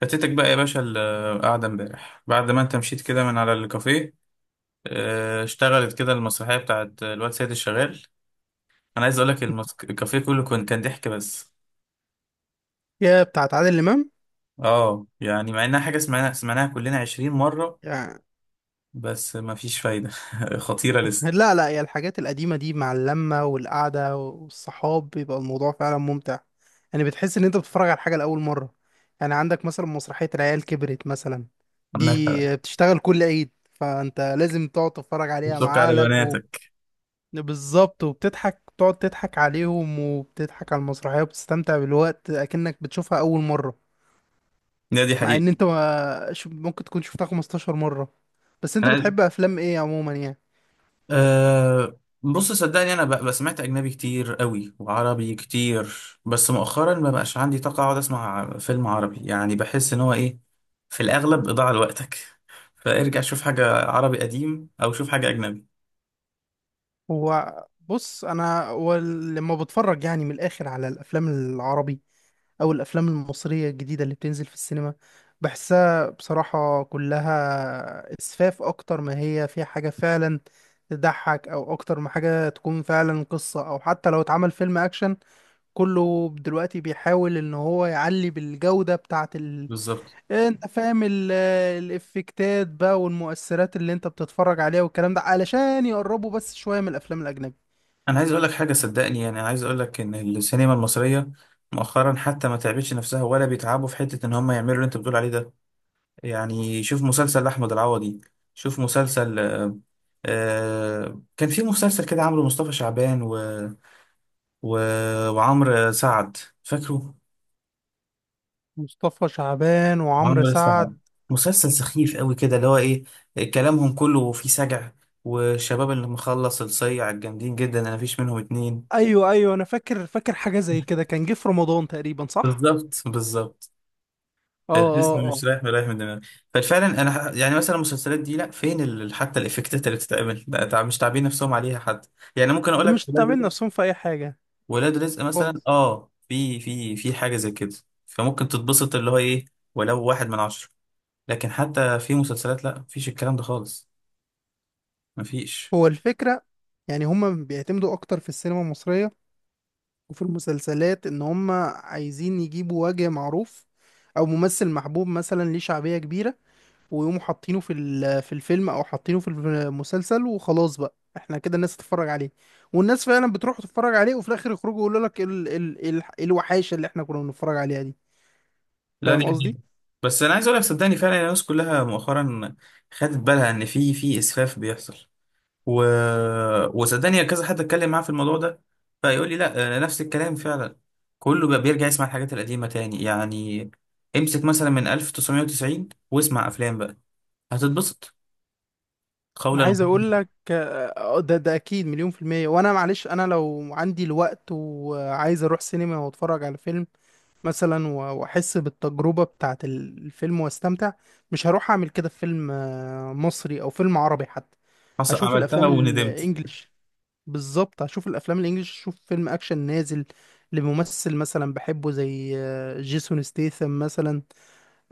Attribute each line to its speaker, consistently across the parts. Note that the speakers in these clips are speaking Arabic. Speaker 1: فاتتك بقى يا باشا القعدة امبارح بعد ما انت مشيت كده من على الكافيه. اه، اشتغلت كده المسرحية بتاعت الواد سيد الشغال. انا عايز اقولك الكافيه كله كان ضحك بس.
Speaker 2: يا بتاعت عادل امام.
Speaker 1: اه، يعني مع انها حاجة سمعناها سمعناها كلنا عشرين مرة،
Speaker 2: يعني
Speaker 1: بس ما فيش فايدة. خطيرة لسه.
Speaker 2: لا يا الحاجات القديمه دي مع اللمه والقعده والصحاب بيبقى الموضوع فعلا ممتع. يعني بتحس ان انت بتتفرج على حاجه لاول مره، يعني عندك مثلا مسرحيه العيال كبرت مثلا.
Speaker 1: مثلا
Speaker 2: دي بتشتغل كل عيد فانت لازم تقعد تتفرج عليها
Speaker 1: بتشك
Speaker 2: مع
Speaker 1: على
Speaker 2: اهلك و...
Speaker 1: بناتك.
Speaker 2: بالظبط، وبتضحك، بتقعد تضحك عليهم وبتضحك على المسرحيه وبتستمتع بالوقت اكنك بتشوفها اول مره.
Speaker 1: ده دي
Speaker 2: مع
Speaker 1: حقيقة.
Speaker 2: ان انت ما... ممكن تكون شفتها 15 مره. بس انت
Speaker 1: انا
Speaker 2: بتحب افلام ايه عموما يعني؟
Speaker 1: بص صدقني انا بقى سمعت اجنبي كتير قوي وعربي كتير، بس مؤخرا ما بقاش عندي طاقه اقعد اسمع فيلم عربي، يعني بحس ان هو ايه، في الاغلب اضاعه لوقتك. فارجع شوف حاجه عربي قديم او شوف حاجه اجنبي.
Speaker 2: هو بص، انا لما بتفرج يعني من الاخر على الافلام العربي او الافلام المصريه الجديده اللي بتنزل في السينما، بحسها بصراحه كلها اسفاف اكتر ما هي فيها حاجه فعلا تضحك، او اكتر ما حاجه تكون فعلا قصه، او حتى لو اتعمل فيلم اكشن كله دلوقتي بيحاول ان هو يعلي بالجوده بتاعه
Speaker 1: بالظبط.
Speaker 2: انت فاهم الافكتات بقى والمؤثرات اللي انت بتتفرج عليها والكلام ده علشان يقربوا بس شويه من الافلام الاجنبيه.
Speaker 1: انا عايز اقول لك حاجه صدقني، يعني انا عايز اقول لك ان السينما المصريه مؤخرا حتى ما تعبتش نفسها ولا بيتعبوا في حته ان هم يعملوا اللي انت بتقول عليه ده. يعني شوف مسلسل أحمد العوضي، شوف مسلسل كان في مسلسل كده عامله مصطفى شعبان و... وعمرو سعد. فاكره
Speaker 2: مصطفى شعبان وعمرو
Speaker 1: عمرو سعد؟
Speaker 2: سعد.
Speaker 1: مسلسل سخيف قوي كده اللي هو ايه، كلامهم كله فيه سجع، والشباب اللي مخلص الصيع الجامدين جدا انا مفيش منهم اتنين.
Speaker 2: ايوه ايوه، انا فاكر حاجه زي كده كان جه في رمضان تقريبا، صح؟
Speaker 1: بالظبط، بالظبط.
Speaker 2: اه اه
Speaker 1: الاسم مش
Speaker 2: اه.
Speaker 1: رايح ولا رايح من دماغي. ففعلا انا يعني مثلا المسلسلات دي لا فين حتى الافكتات اللي بتتعمل لا، مش تعبين نفسهم عليها حد. يعني ممكن اقول
Speaker 2: ده مش
Speaker 1: لك ولاد
Speaker 2: تعمل
Speaker 1: رزق،
Speaker 2: نفسهم في اي حاجه
Speaker 1: ولاد رزق مثلا
Speaker 2: خالص.
Speaker 1: اه، في حاجه زي كده، فممكن تتبسط اللي هو ايه ولو واحد من عشره، لكن حتى في مسلسلات لا مفيش الكلام ده خالص، مفيش.
Speaker 2: هو الفكرة، يعني هما بيعتمدوا أكتر في السينما المصرية وفي المسلسلات إن هما عايزين يجيبوا وجه معروف أو ممثل محبوب مثلا ليه شعبية كبيرة، ويقوموا حاطينه في الفيلم او حاطينه في المسلسل وخلاص بقى احنا كده الناس تتفرج عليه. والناس فعلا بتروح تتفرج عليه وفي الاخر يخرجوا يقولوا لك ال ال ال إيه الوحاشه اللي احنا كنا بنتفرج عليها دي.
Speaker 1: لا دي
Speaker 2: فاهم
Speaker 1: حقيقة.
Speaker 2: قصدي؟
Speaker 1: بس انا عايز اقول لك صدقني فعلا الناس كلها مؤخرا خدت بالها ان في اسفاف بيحصل و... وصدقني كذا حد اتكلم معاه في الموضوع ده، فيقول لي لا نفس الكلام فعلا، كله بقى بيرجع يسمع الحاجات القديمة تاني. يعني امسك مثلا من 1990 واسمع افلام بقى، هتتبسط.
Speaker 2: انا
Speaker 1: قولا.
Speaker 2: عايز اقول لك آه، آه، ده اكيد مليون في المية. وانا معلش انا لو عندي الوقت وعايز اروح سينما واتفرج على فيلم مثلا، واحس بالتجربه بتاعت الفيلم واستمتع، مش هروح اعمل كده في فيلم آه، مصري او فيلم عربي حتى.
Speaker 1: حصل
Speaker 2: اشوف
Speaker 1: عملتها
Speaker 2: الافلام
Speaker 1: وندمت.
Speaker 2: الانجليش. بالظبط، هشوف الافلام الانجليش، اشوف فيلم اكشن نازل لممثل مثلا بحبه زي آه، جيسون ستيثم مثلا،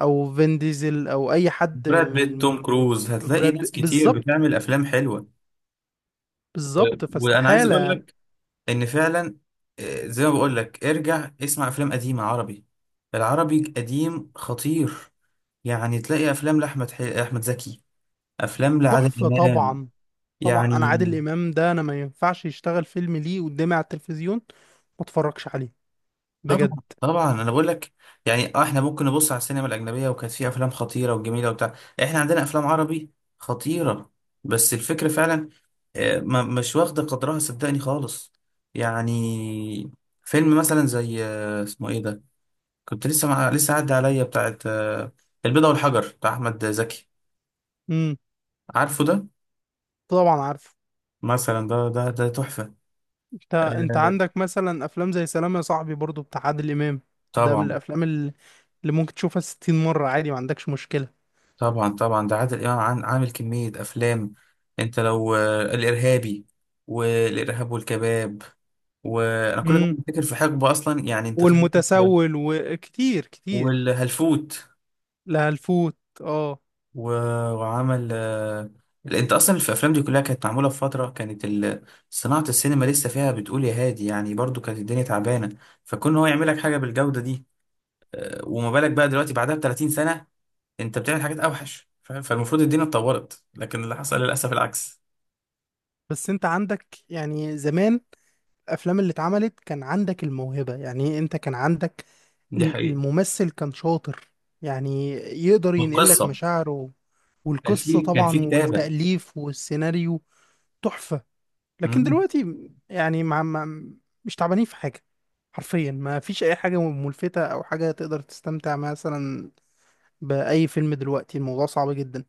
Speaker 2: او فين ديزل، او اي حد
Speaker 1: براد بيت،
Speaker 2: من
Speaker 1: توم
Speaker 2: من
Speaker 1: كروز، هتلاقي
Speaker 2: براد
Speaker 1: ناس كتير
Speaker 2: بالظبط.
Speaker 1: بتعمل افلام حلوة. و...
Speaker 2: بالظبط،
Speaker 1: وانا عايز اقول
Speaker 2: فاستحالة.
Speaker 1: لك ان فعلا زي ما بقول لك ارجع اسمع افلام قديمة عربي. العربي قديم خطير، يعني تلاقي افلام احمد زكي، افلام لعادل
Speaker 2: تحفة
Speaker 1: امام
Speaker 2: طبعا. طبعا انا
Speaker 1: يعني.
Speaker 2: عادل امام ده انا ما ينفعش يشتغل فيلم ليه قدامي على التلفزيون ما اتفرجش عليه،
Speaker 1: طبعا
Speaker 2: بجد.
Speaker 1: طبعا. انا بقول لك يعني، اه احنا ممكن نبص على السينما الاجنبيه وكانت فيها افلام خطيره وجميله وبتاع، احنا عندنا افلام عربي خطيره، بس الفكره فعلا مش واخده قدرها صدقني خالص. يعني فيلم مثلا زي اسمه ايه ده، كنت لسه عدى عليا بتاعت البيضه والحجر بتاع احمد زكي،
Speaker 2: امم.
Speaker 1: عارفه ده؟
Speaker 2: طبعا عارف.
Speaker 1: مثلا ده تحفه.
Speaker 2: انت انت
Speaker 1: آه،
Speaker 2: عندك مثلا افلام زي سلام يا صاحبي برضو بتاع عادل امام. ده من
Speaker 1: طبعا
Speaker 2: الافلام اللي اللي ممكن تشوفها 60 مرة عادي، ما عندكش مشكلة.
Speaker 1: طبعا. طبعا ده عادل امام عامل كمية افلام. انت لو الارهابي والارهاب والكباب، وانا كل ده
Speaker 2: امم.
Speaker 1: بفتكر في حقبة اصلا، يعني انت خلي بالك،
Speaker 2: والمتسول وكتير كتير.
Speaker 1: والهلفوت
Speaker 2: لا الفوت، اه.
Speaker 1: و- وعمل انت اصلا في الافلام دي كلها كانت معمولة في فترة كانت صناعة السينما لسه فيها بتقول يا هادي، يعني برضو كانت الدنيا تعبانة، فكون هو يعمل لك حاجة بالجودة دي، وما بالك بقى دلوقتي بعدها ب 30 سنة، انت بتعمل حاجات اوحش فالمفروض الدنيا اتطورت، لكن اللي حصل للاسف العكس.
Speaker 2: بس انت عندك يعني زمان الافلام اللي اتعملت كان عندك الموهبة، يعني إيه؟ انت كان عندك
Speaker 1: دي حقيقة.
Speaker 2: الممثل كان شاطر، يعني يقدر ينقل لك
Speaker 1: والقصه
Speaker 2: مشاعره.
Speaker 1: كان
Speaker 2: والقصة
Speaker 1: في كان في
Speaker 2: طبعا
Speaker 1: كتابه.
Speaker 2: والتأليف والسيناريو. تحفة. لكن
Speaker 1: مم.
Speaker 2: دلوقتي، يعني مع مش تعبانين في حاجة، حرفيا ما فيش أي حاجة ملفتة أو حاجة تقدر تستمتع مثلا بأي فيلم. دلوقتي الموضوع صعب جدا.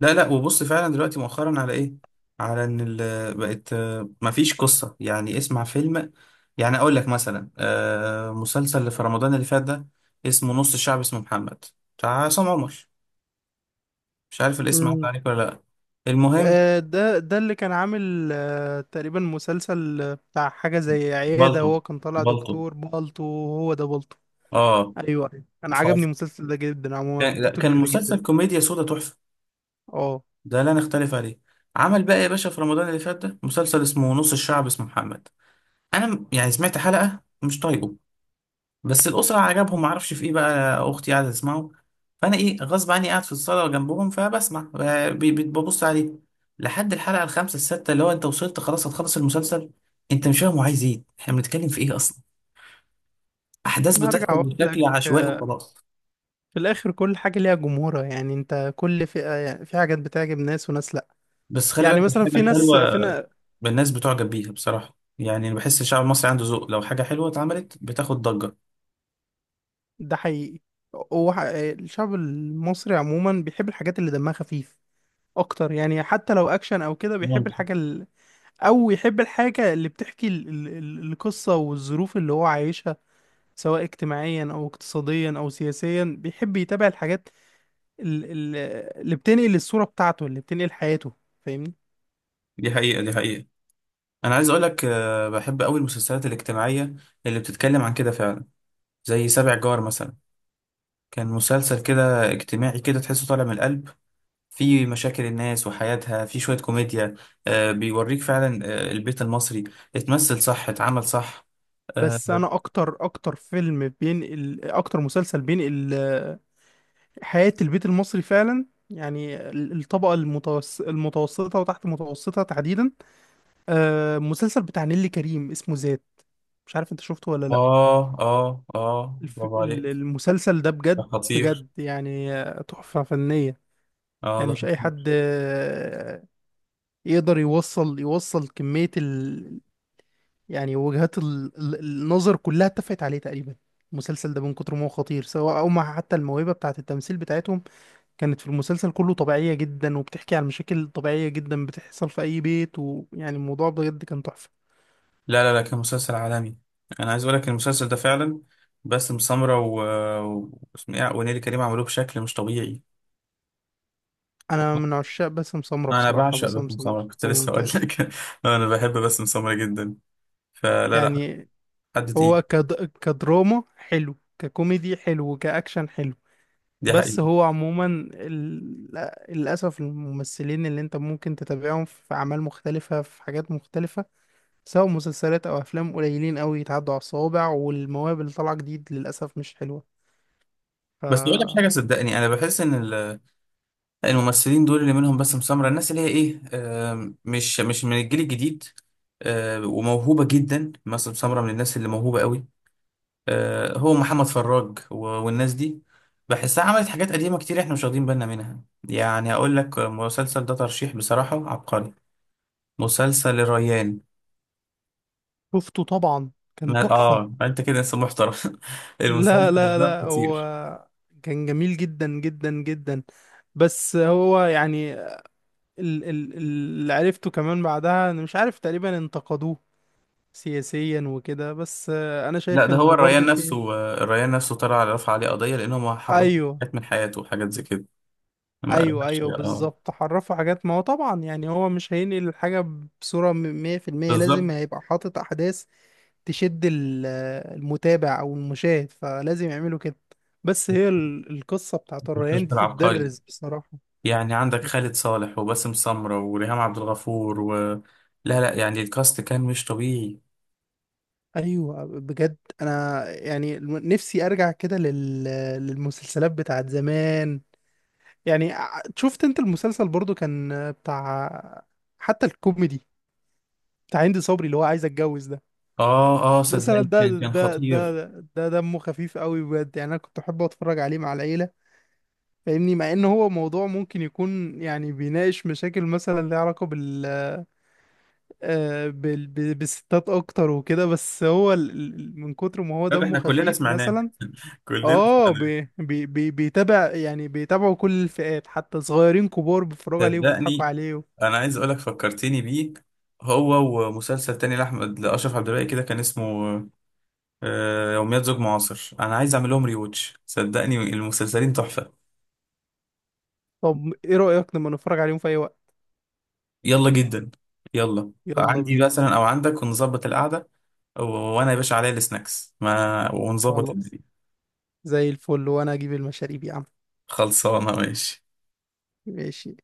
Speaker 1: لا لا، وبص فعلا دلوقتي مؤخرا على ايه، على ان بقت ما فيش قصه، يعني اسمع فيلم، يعني اقول لك مثلا مسلسل اللي في رمضان اللي فات ده اسمه نص الشعب اسمه محمد، بتاع عصام عمر، مش عارف الاسم عدى
Speaker 2: مم.
Speaker 1: عليك ولا لا. المهم
Speaker 2: آه، ده اللي كان عامل آه، تقريبا مسلسل آه، بتاع حاجة زي عيادة.
Speaker 1: بالطو،
Speaker 2: هو كان طالع
Speaker 1: بالطو.
Speaker 2: دكتور بالطو. هو ده بالطو.
Speaker 1: اه.
Speaker 2: أيوه أيوة. أنا
Speaker 1: ف-
Speaker 2: عجبني المسلسل ده جدا، عموما
Speaker 1: كان لا،
Speaker 2: فكرته
Speaker 1: كان
Speaker 2: جديدة جدا.
Speaker 1: المسلسل كوميديا سودا تحفه،
Speaker 2: اه،
Speaker 1: ده لا نختلف عليه. عمل بقى يا باشا في رمضان اللي فات ده مسلسل اسمه نص الشعب اسمه محمد. انا يعني سمعت حلقه مش طايقه، بس الاسره عجبهم معرفش في ايه، بقى اختي قاعده تسمعه، فانا ايه غصب عني قاعد في الصاله جنبهم فبسمع ببص عليه لحد الحلقه الخامسه السادسه، اللي هو انت وصلت خلاص هتخلص المسلسل، انت مش فاهم هو عايز ايه، احنا بنتكلم في ايه اصلا، احداث
Speaker 2: أنا هرجع
Speaker 1: بتحصل
Speaker 2: أقول لك
Speaker 1: بشكل عشوائي
Speaker 2: آه،
Speaker 1: وخلاص.
Speaker 2: في الآخر كل حاجة ليها جمهورها، يعني أنت كل فئة، يعني في حاجات بتعجب ناس وناس لأ.
Speaker 1: بس خلي
Speaker 2: يعني
Speaker 1: بالك
Speaker 2: مثلا
Speaker 1: الحاجه
Speaker 2: في
Speaker 1: الحلوه،
Speaker 2: ناس فينا.
Speaker 1: الناس بتعجب بيها بصراحه، يعني بحس الشعب المصري عنده ذوق، لو حاجه حلوه اتعملت بتاخد ضجه.
Speaker 2: ده حقيقي. الشعب المصري عموما بيحب الحاجات اللي دمها خفيف أكتر، يعني حتى لو أكشن أو كده بيحب
Speaker 1: ممكن.
Speaker 2: الحاجة. او يحب الحاجة اللي بتحكي القصة والظروف اللي هو عايشها، سواء اجتماعيا او اقتصاديا او سياسيا. بيحب يتابع الحاجات ال- ال- اللي بتنقل الصورة بتاعته، اللي بتنقل حياته. فاهمني؟
Speaker 1: دي حقيقه، دي حقيقه. انا عايز اقولك بحب قوي المسلسلات الاجتماعيه اللي بتتكلم عن كده فعلا، زي سابع جار مثلا، كان مسلسل كده اجتماعي كده تحسه طالع من القلب، في مشاكل الناس وحياتها، في شويه كوميديا، بيوريك فعلا البيت المصري، اتمثل صح، اتعمل صح. اه،
Speaker 2: بس انا اكتر اكتر فيلم بينقل، اكتر مسلسل بينقل آه، حياة البيت المصري فعلا، يعني الطبقة المتوس... المتوسطة وتحت المتوسطة تحديدا، آه، مسلسل بتاع نيللي كريم اسمه ذات. مش عارف انت شفته ولا لا؟
Speaker 1: اه. اه
Speaker 2: الف...
Speaker 1: برافو عليك.
Speaker 2: المسلسل ده
Speaker 1: ده
Speaker 2: بجد،
Speaker 1: خطير.
Speaker 2: بجد، يعني آه، تحفة فنية.
Speaker 1: اه
Speaker 2: يعني
Speaker 1: ده
Speaker 2: مش أي حد
Speaker 1: خطير.
Speaker 2: آه، يقدر يوصل، يوصل كمية يعني وجهات النظر كلها اتفقت عليه تقريبا. المسلسل ده من كتر ما هو خطير، سواء أو مع حتى الموهبة بتاعة التمثيل بتاعتهم كانت في المسلسل كله طبيعية جدا، وبتحكي عن مشاكل طبيعية جدا بتحصل في أي بيت، ويعني الموضوع بجد كان تحفة.
Speaker 1: لا لا لا، كان مسلسل عالمي. انا عايز اقولك المسلسل ده فعلا باسم سمرة واسمه إيه؟ ونيلي كريم عملوه بشكل مش طبيعي.
Speaker 2: أنا من عشاق باسم سمرة
Speaker 1: انا
Speaker 2: بصراحة،
Speaker 1: بعشق
Speaker 2: باسم
Speaker 1: باسم
Speaker 2: سمرة
Speaker 1: سمرة، كنت
Speaker 2: هو
Speaker 1: لسه اقول
Speaker 2: ممتاز.
Speaker 1: لك. انا بحب باسم سمرة جدا. فلا لا،
Speaker 2: يعني
Speaker 1: حد تقيل.
Speaker 2: هو كد... كدراما حلو، ككوميدي حلو، كأكشن حلو.
Speaker 1: دي حقيقة.
Speaker 2: بس هو عموما ال- للأسف الممثلين اللي انت ممكن تتابعهم في أعمال مختلفة في حاجات مختلفة، سواء مسلسلات أو أفلام، قليلين أوي، يتعدوا على الصوابع. والمواهب اللي طالعة جديد للأسف مش حلوة. ف
Speaker 1: بس اقول لك حاجة صدقني انا بحس ان الممثلين دول اللي منهم باسم سمرة، الناس اللي هي ايه، مش من الجيل الجديد، وموهوبة جدا، باسم سمرة من الناس اللي موهوبة قوي، هو محمد فراج والناس دي، بحسها عملت حاجات قديمة كتير احنا مش واخدين بالنا منها. يعني اقول لك مسلسل ده ترشيح بصراحة عبقري، مسلسل الريان.
Speaker 2: شفته طبعا، كان تحفة.
Speaker 1: اه انت كده انسان محترم.
Speaker 2: لا
Speaker 1: المسلسل
Speaker 2: لا
Speaker 1: ده
Speaker 2: لا،
Speaker 1: خطير.
Speaker 2: هو كان جميل جدا جدا جدا. بس هو يعني اللي عرفته كمان بعدها انا مش عارف، تقريبا انتقدوه سياسيا وكده، بس آه، انا
Speaker 1: لا
Speaker 2: شايف
Speaker 1: ده هو
Speaker 2: ان برضو
Speaker 1: الريان
Speaker 2: في.
Speaker 1: نفسه، الريان نفسه طلع على رفع عليه قضية لأنه ما حرم
Speaker 2: ايوه
Speaker 1: حاجات من حياته وحاجات زي كده، ما
Speaker 2: ايوه.
Speaker 1: قالهاش.
Speaker 2: ايوه
Speaker 1: اه.
Speaker 2: بالظبط، حرفوا حاجات، ما هو طبعا يعني هو مش هينقل الحاجة بصورة مية في المية،
Speaker 1: بالظبط.
Speaker 2: لازم هيبقى حاطط احداث تشد آه، المتابع او المشاهد، فلازم يعملوا كده. بس هي القصة بتاعت الريان
Speaker 1: المستشفى
Speaker 2: دي
Speaker 1: العبقري،
Speaker 2: تتدرس بصراحة.
Speaker 1: يعني عندك خالد صالح وباسم سمرة وريهام عبد الغفور لا لا، يعني الكاست كان مش طبيعي.
Speaker 2: ايوه بجد، انا يعني نفسي ارجع كده للمسلسلات بتاعت زمان. يعني شفت انت المسلسل برضو كان بتاع، حتى الكوميدي بتاع هند صبري اللي هو عايز اتجوز ده.
Speaker 1: اه اه،
Speaker 2: بس انا
Speaker 1: صدقني
Speaker 2: ده
Speaker 1: كان
Speaker 2: ده
Speaker 1: خطير.
Speaker 2: ده ده دمه خفيف قوي بجد، يعني انا كنت احب اتفرج عليه مع العيله. فاهمني؟ مع ان هو موضوع ممكن يكون يعني بيناقش مشاكل مثلا ليها علاقه بال آه، بالستات اكتر وكده، بس هو من كتر ما هو
Speaker 1: طب
Speaker 2: دمه
Speaker 1: احنا كلنا
Speaker 2: خفيف
Speaker 1: سمعناه.
Speaker 2: مثلا.
Speaker 1: كلنا.
Speaker 2: اه، بيتابع، يعني بيتابعوا كل الفئات حتى صغيرين كبار بيتفرجوا عليه وبيضحكوا
Speaker 1: صدقني
Speaker 2: عليه.
Speaker 1: انا عايز اقولك فكرتني بيه، هو ومسلسل تاني لاشرف عبد الباقي كده كان اسمه يوميات زوج معاصر، انا عايز اعمل لهم ريوتش صدقني، المسلسلين تحفه.
Speaker 2: طب ايه رأيك لما نتفرج عليهم في اي وقت؟
Speaker 1: يلا جدا، يلا
Speaker 2: يلا
Speaker 1: عندي
Speaker 2: بينا.
Speaker 1: مثلا او عندك ونظبط القعده، وانا يا باشا عليا السناكس ما، ونظبط
Speaker 2: خلاص،
Speaker 1: الدنيا.
Speaker 2: زي الفل، وانا اجيب المشاريب يا عم.
Speaker 1: خلصانه، ماشي.
Speaker 2: ماشي.